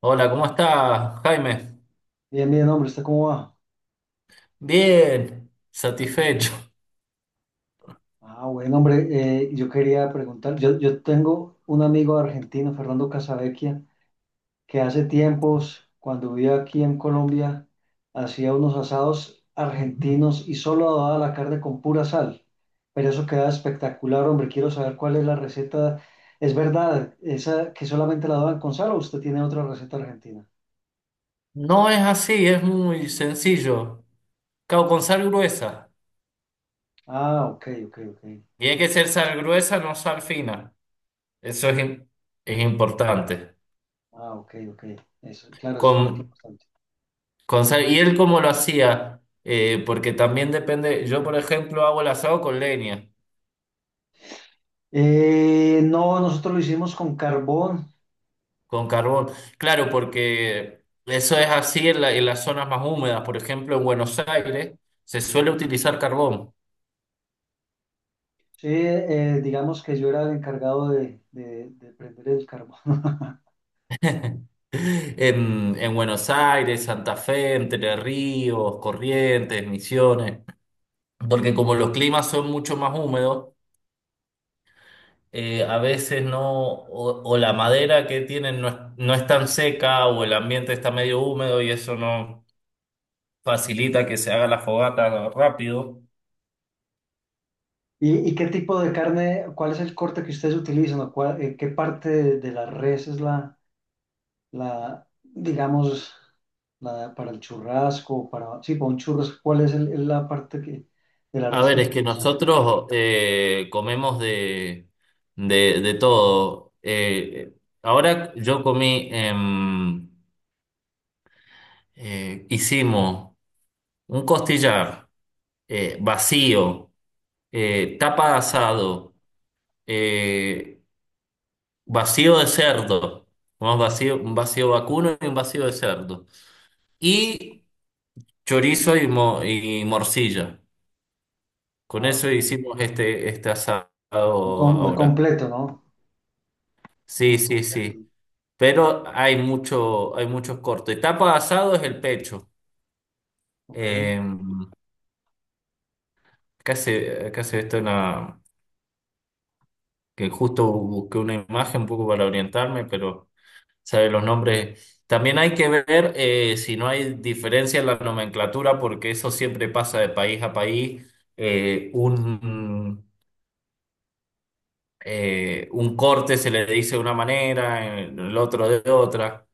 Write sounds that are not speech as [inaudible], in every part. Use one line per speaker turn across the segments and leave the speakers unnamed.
Hola, ¿cómo estás, Jaime?
Bien, bien, hombre, ¿usted cómo va?
Bien, satisfecho.
Ah, bueno, hombre, yo quería preguntar, yo tengo un amigo argentino, Fernando Casavecchia, que hace tiempos, cuando vivía aquí en Colombia, hacía unos asados argentinos y solo daba la carne con pura sal. Pero eso queda espectacular, hombre, quiero saber cuál es la receta. ¿Es verdad esa que solamente la daban con sal o usted tiene otra receta argentina?
No es así, es muy sencillo. Cao con sal gruesa.
Ah, ok, ok, ok.
Y hay que ser sal gruesa, no sal fina. Eso es, es importante.
Ah, ok, ok. Eso, claro, eso es un dato
Con,
importante.
con sal. ¿Y él cómo lo hacía? Porque también depende. Yo, por ejemplo, hago el asado con leña,
No, nosotros lo hicimos con carbón.
con carbón. Claro, porque eso es así en en las zonas más húmedas. Por ejemplo, en Buenos Aires se suele utilizar carbón.
Sí, digamos que yo era el encargado de prender el carbón. [laughs]
En Buenos Aires, Santa Fe, Entre Ríos, Corrientes, Misiones, porque como los climas son mucho más húmedos, a veces no, o la madera que tienen no es, no es tan seca o el ambiente está medio húmedo y eso no facilita que se haga la fogata rápido.
¿Y, y qué tipo de carne, cuál es el corte que ustedes utilizan o cuál- qué parte de la res es la, la, digamos, la, para el churrasco, para, sí, para un churrasco, cuál es el- la parte que, de la
A
res que
ver,
se
es que
utiliza?
nosotros comemos de todo. Ahora yo comí, hicimos. Un costillar vacío, tapa de asado, eh, vacío de cerdo, ¿no? Vacío, un vacío vacuno y un vacío de cerdo. Y chorizo y, y morcilla. Con
Ah,
eso
ok.
hicimos este asado
Muy com- muy
ahora.
completo, ¿no?
Sí,
Muy
sí,
completo.
sí. Pero hay mucho, hay muchos cortes. Tapa de asado es el pecho.
Ok.
Eh, acá se ve esto en que justo busqué una imagen un poco para orientarme, pero sea, los nombres. También hay que ver si no hay diferencia en la nomenclatura, porque eso siempre pasa de país a país. Eh, un, un corte se le dice de una manera, el otro de otra.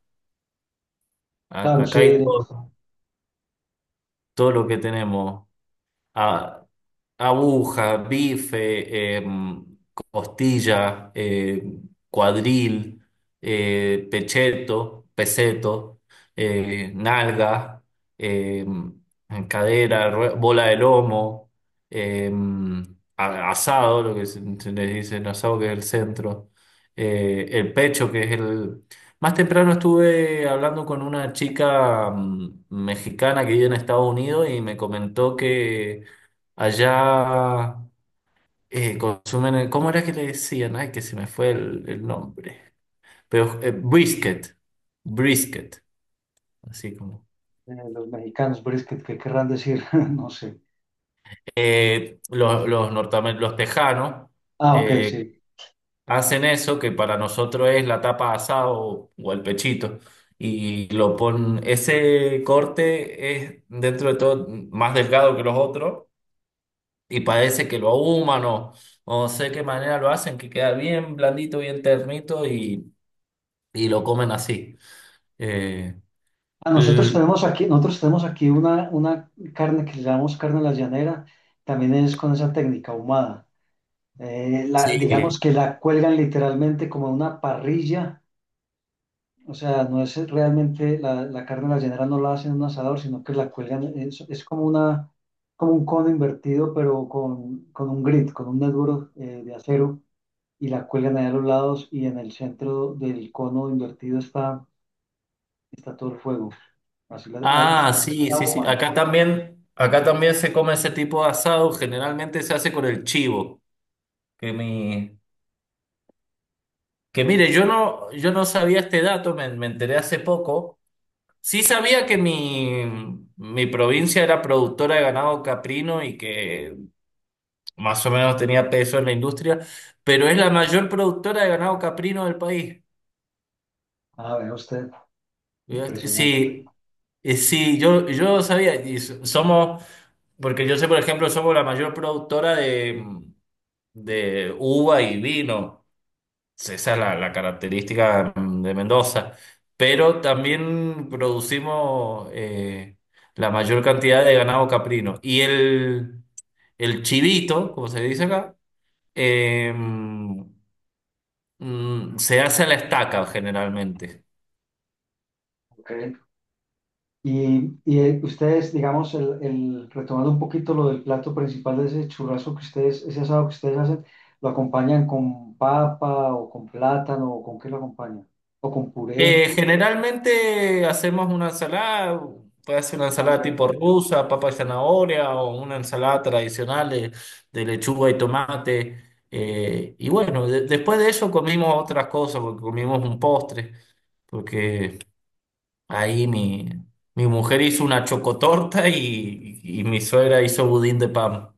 Claro,
Acá
sí,
hay todo, todo lo que tenemos. Ah, aguja, bife, costilla, cuadril, pecheto, peseto, nalga, em, cadera, bola de lomo, em, asado, lo que se les dice, el asado que es el centro, el pecho que es el... Más temprano estuve hablando con una chica mexicana que vive en Estados Unidos y me comentó que allá consumen, ¿cómo era que le decían? Ay, que se me fue el nombre. Pero brisket, así como.
de los mexicanos, brisket, ¿qué querrán decir? [laughs] No sé.
Los tejanos
Ah, ok,
eh,
sí.
hacen eso que para nosotros es la tapa asado o el pechito. Y lo ponen, ese corte es dentro de todo más delgado que los otros y parece que lo ahuman o no sé qué manera lo hacen, que queda bien blandito, bien ternito y lo comen así. Eh,
Ah, nosotros
l-
tenemos aquí, nosotros tenemos aquí una carne que le llamamos carne a la llanera, también es con esa técnica ahumada.
sí.
Digamos que la cuelgan literalmente como a una parrilla, o sea, no es realmente la, la carne a la llanera, no la hacen en un asador, sino que la cuelgan, es como una, como un cono invertido, pero con un grid, con un neturo de acero, y la cuelgan ahí a los lados y en el centro del cono invertido está, está todo el fuego. Así la, ah, así-
Ah,
así
sí,
la
sí, sí.
human.
Acá también se come ese tipo de asado. Generalmente se hace con el chivo. Que mi, que mire, yo no, yo no sabía este dato, me enteré hace poco. Sí sabía mi provincia era productora de ganado caprino y que más o menos tenía peso en la industria, pero es la mayor productora de ganado caprino del país.
Ah, vea usted,
Este,
impresionante.
sí, sí, yo sabía, y somos, porque yo sé, por ejemplo, somos la mayor productora de uva y vino. Esa es la, la característica de Mendoza. Pero también producimos la mayor cantidad de ganado caprino. El chivito, como se dice acá, eh, se hace a la estaca generalmente.
Ok. Ustedes, digamos, el- retomando un poquito lo del plato principal de ese churrasco que ustedes, ese asado que ustedes hacen, ¿lo acompañan con papa o con plátano o con qué lo acompañan? ¿O con puré?
Generalmente hacemos una ensalada, puede ser una
Ah,
ensalada
ok.
tipo rusa, papa y zanahoria, o una ensalada tradicional de lechuga y tomate. Y bueno, después de eso comimos otras cosas, porque comimos un postre, porque ahí mi, mi mujer hizo una chocotorta y mi suegra hizo budín de pan.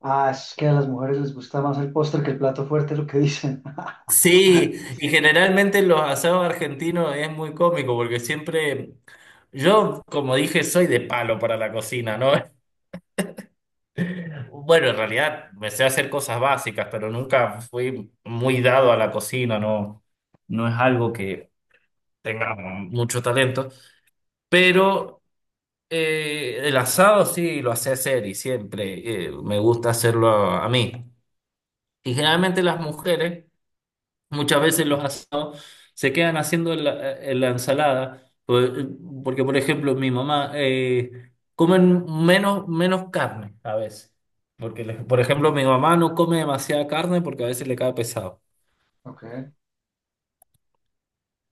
Ah, es que a las mujeres les gusta más el postre que el plato fuerte, es lo que dicen. [laughs]
Sí, y generalmente los asados argentinos es muy cómico porque siempre, yo como dije, soy de palo para la cocina, ¿no? [laughs] Bueno, en realidad me sé hacer cosas básicas, pero nunca fui muy dado a la cocina, ¿no? No es algo que tenga mucho talento, pero el asado sí lo sé hacer y siempre me gusta hacerlo a mí. Y generalmente las mujeres... Muchas veces los asados se quedan haciendo en en la ensalada, porque por ejemplo mi mamá comen menos, menos carne a veces, porque por ejemplo mi mamá no come demasiada carne porque a veces le cae pesado.
Ok.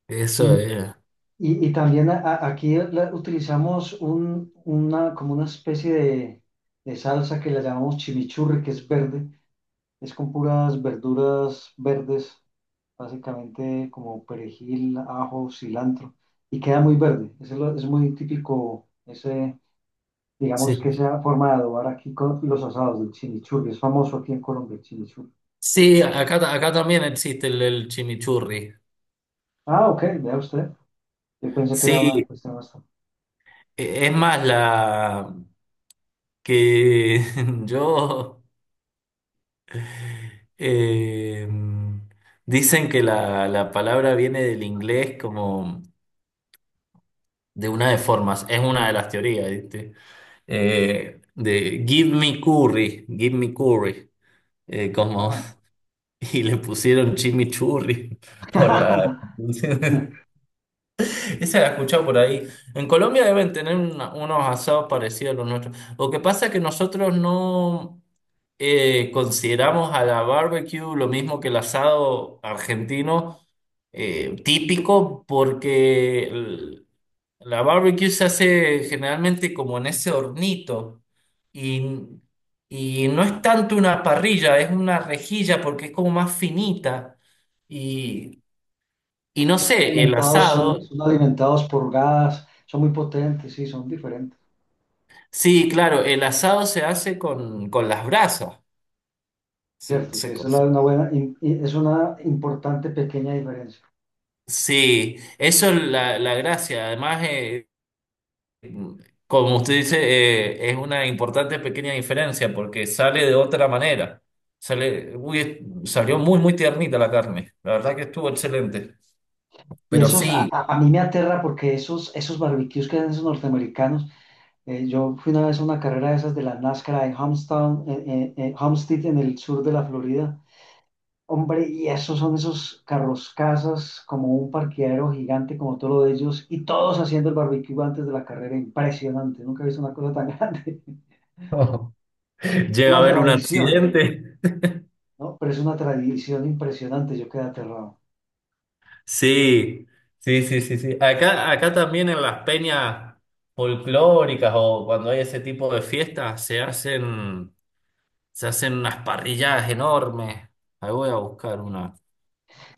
Eso es,
Y también a- aquí la- utilizamos un, una, como una especie de salsa que la llamamos chimichurri, que es verde. Es con puras verduras verdes, básicamente como perejil, ajo, cilantro. Y queda muy verde. Ese es, lo- es muy típico, ese, digamos
sí.
que esa forma de adobar aquí con los asados del chimichurri. Es famoso aquí en Colombia el chimichurri.
Sí, acá, acá también existe el chimichurri.
Ah, ok, vea usted. Yo pensé que era una
Sí,
cuestión más.
es más la que [laughs] yo eh, dicen que la palabra viene del inglés como de una de formas, es una de las teorías, ¿viste? De give me curry, eh, como, [laughs] y le pusieron chimichurri por la...
Ah. [laughs]
[laughs] Esa la he escuchado por ahí. En Colombia deben tener unos asados parecidos a los nuestros. Lo que pasa es que nosotros no consideramos a la barbecue lo mismo que el asado argentino típico porque... La barbecue se hace generalmente como en ese hornito y, y no es tanto una parrilla, es una rejilla porque es como más finita y, y no sé, el
Alimentados, son,
asado,
son alimentados por gas, son muy potentes, sí, son diferentes.
sí, claro, el asado se hace con las brasas. Se-
Cierto, sí,
se
esa es la-
cose-
una buena, in- i- es una importante pequeña diferencia.
sí, eso es la, la gracia. Además, como usted dice, es una importante pequeña diferencia porque sale de otra manera. Sale, uy, salió muy, muy tiernita la carne. La verdad que estuvo excelente.
Y
Pero
esos,
sí,
a mí me aterra porque esos, esos barbecues que hacen esos norteamericanos, yo fui una vez a una carrera de esas de la NASCAR en Homestead, en Homestead, en el sur de la Florida. Hombre, y esos son esos carros casas, como un parqueadero gigante, como todo lo de ellos, y todos haciendo el barbecue antes de la carrera, impresionante. Nunca he visto una cosa tan [laughs] grande.
[laughs]
Es
llega a
una
haber un
tradición,
accidente.
¿no? Pero es una tradición impresionante, yo quedé aterrado.
Sí, sí, sí, sí, sí. Acá, acá también en las peñas folclóricas o cuando hay ese tipo de fiestas se hacen unas parrilladas enormes. Ahí voy a buscar una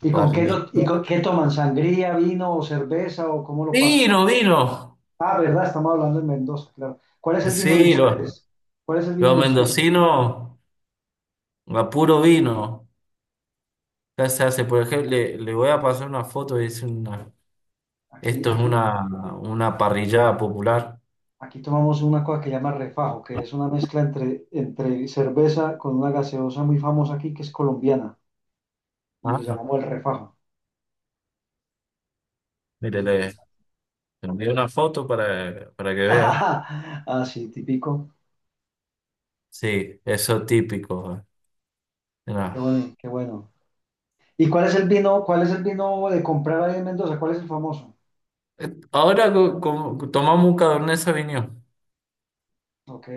¿Y con qué,
parrilla.
lo, y con qué toman? ¿Sangría, vino o cerveza o cómo lo pasan?
Vino, vino.
Ah, ¿verdad? Estamos hablando en Mendoza, claro.
Sí, lo,
¿Cuál es el vino
los
de ustedes?
mendocinos, a puro vino. Acá se hace, por ejemplo, le voy a pasar una foto y es una,
Aquí,
esto es
aquí,
una parrillada popular.
aquí tomamos una cosa que se llama refajo, que es una mezcla entre, entre cerveza con una gaseosa muy famosa aquí que es colombiana y lo
Ah,
llamamos el refajo. Es
mire, le,
interesante.
le envié una foto para que vea.
[laughs] Ah, sí, típico.
Sí, eso típico.
Qué
Mira.
bueno, qué bueno. ¿Y cuál es el vino, cuál es el vino de comprar ahí en Mendoza? ¿Cuál es el famoso?
Ahora tomamos un Cabernet Sauvignon.
Ok.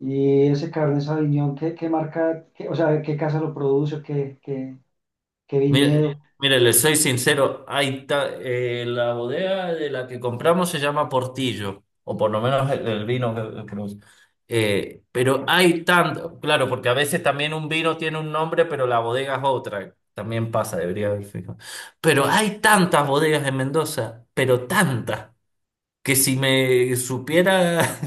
Y ese Cabernet Sauvignon, ¿qué, qué marca, qué- o sea, qué casa lo produce, qué, qué, qué viñedo?
Mire, mire, le soy sincero, hay la bodega de la que compramos se llama Portillo, o por lo menos el vino que pero hay tanto, claro, porque a veces también un vino tiene un nombre, pero la bodega es otra. También pasa, debería haber fijado. Pero hay tantas bodegas en Mendoza, pero tantas que si me supiera [laughs]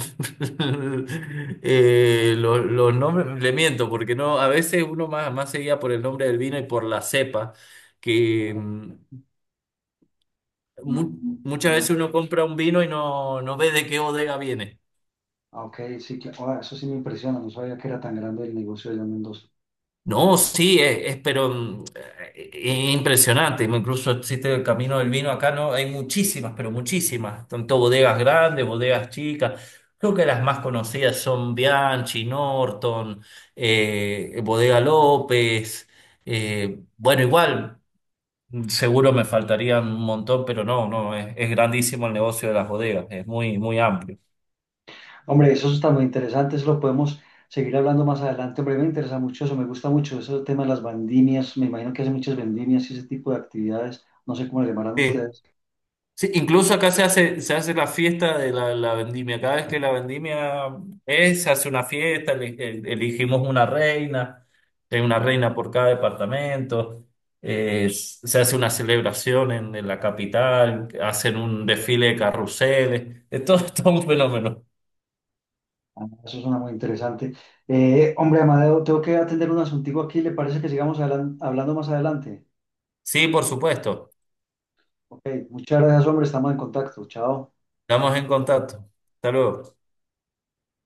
los nombres, le miento, porque no, a veces uno más, más se guía por el nombre del vino y por la cepa, que mu- muchas veces uno compra un vino y no, no ve de qué bodega viene.
Ah, ok, sí, claro. Ah, eso sí me impresiona, no sabía que era tan grande el negocio allá en Mendoza.
No, sí, es, pero es impresionante. Incluso existe el Camino del Vino acá, ¿no? Hay muchísimas, pero muchísimas. Tanto bodegas grandes, bodegas chicas. Creo que las más conocidas son Bianchi, Norton, Bodega López. Bueno, igual, seguro me faltarían un montón, pero no, no, es grandísimo el negocio de las bodegas. Es muy, muy amplio.
Hombre, eso está muy interesante, eso lo podemos seguir hablando más adelante. Hombre, me interesa mucho eso, me gusta mucho ese tema de las vendimias, me imagino que hacen muchas vendimias y ese tipo de actividades, no sé cómo le llamarán
Sí.
ustedes.
Sí, incluso acá se hace la fiesta de la vendimia. Cada vez que la vendimia es, se hace una fiesta, elegimos una reina, hay una reina por cada departamento, se hace una celebración en la capital, hacen un desfile de carruseles, es todo, [laughs] todo un fenómeno.
Ah, eso suena muy interesante. Hombre, Amadeo, tengo que atender un asuntico aquí. ¿Le parece que sigamos hablan- hablando más adelante?
Sí, por supuesto,
Ok, muchas gracias, hombre. Estamos en contacto. Chao.
estamos en contacto. Hasta luego.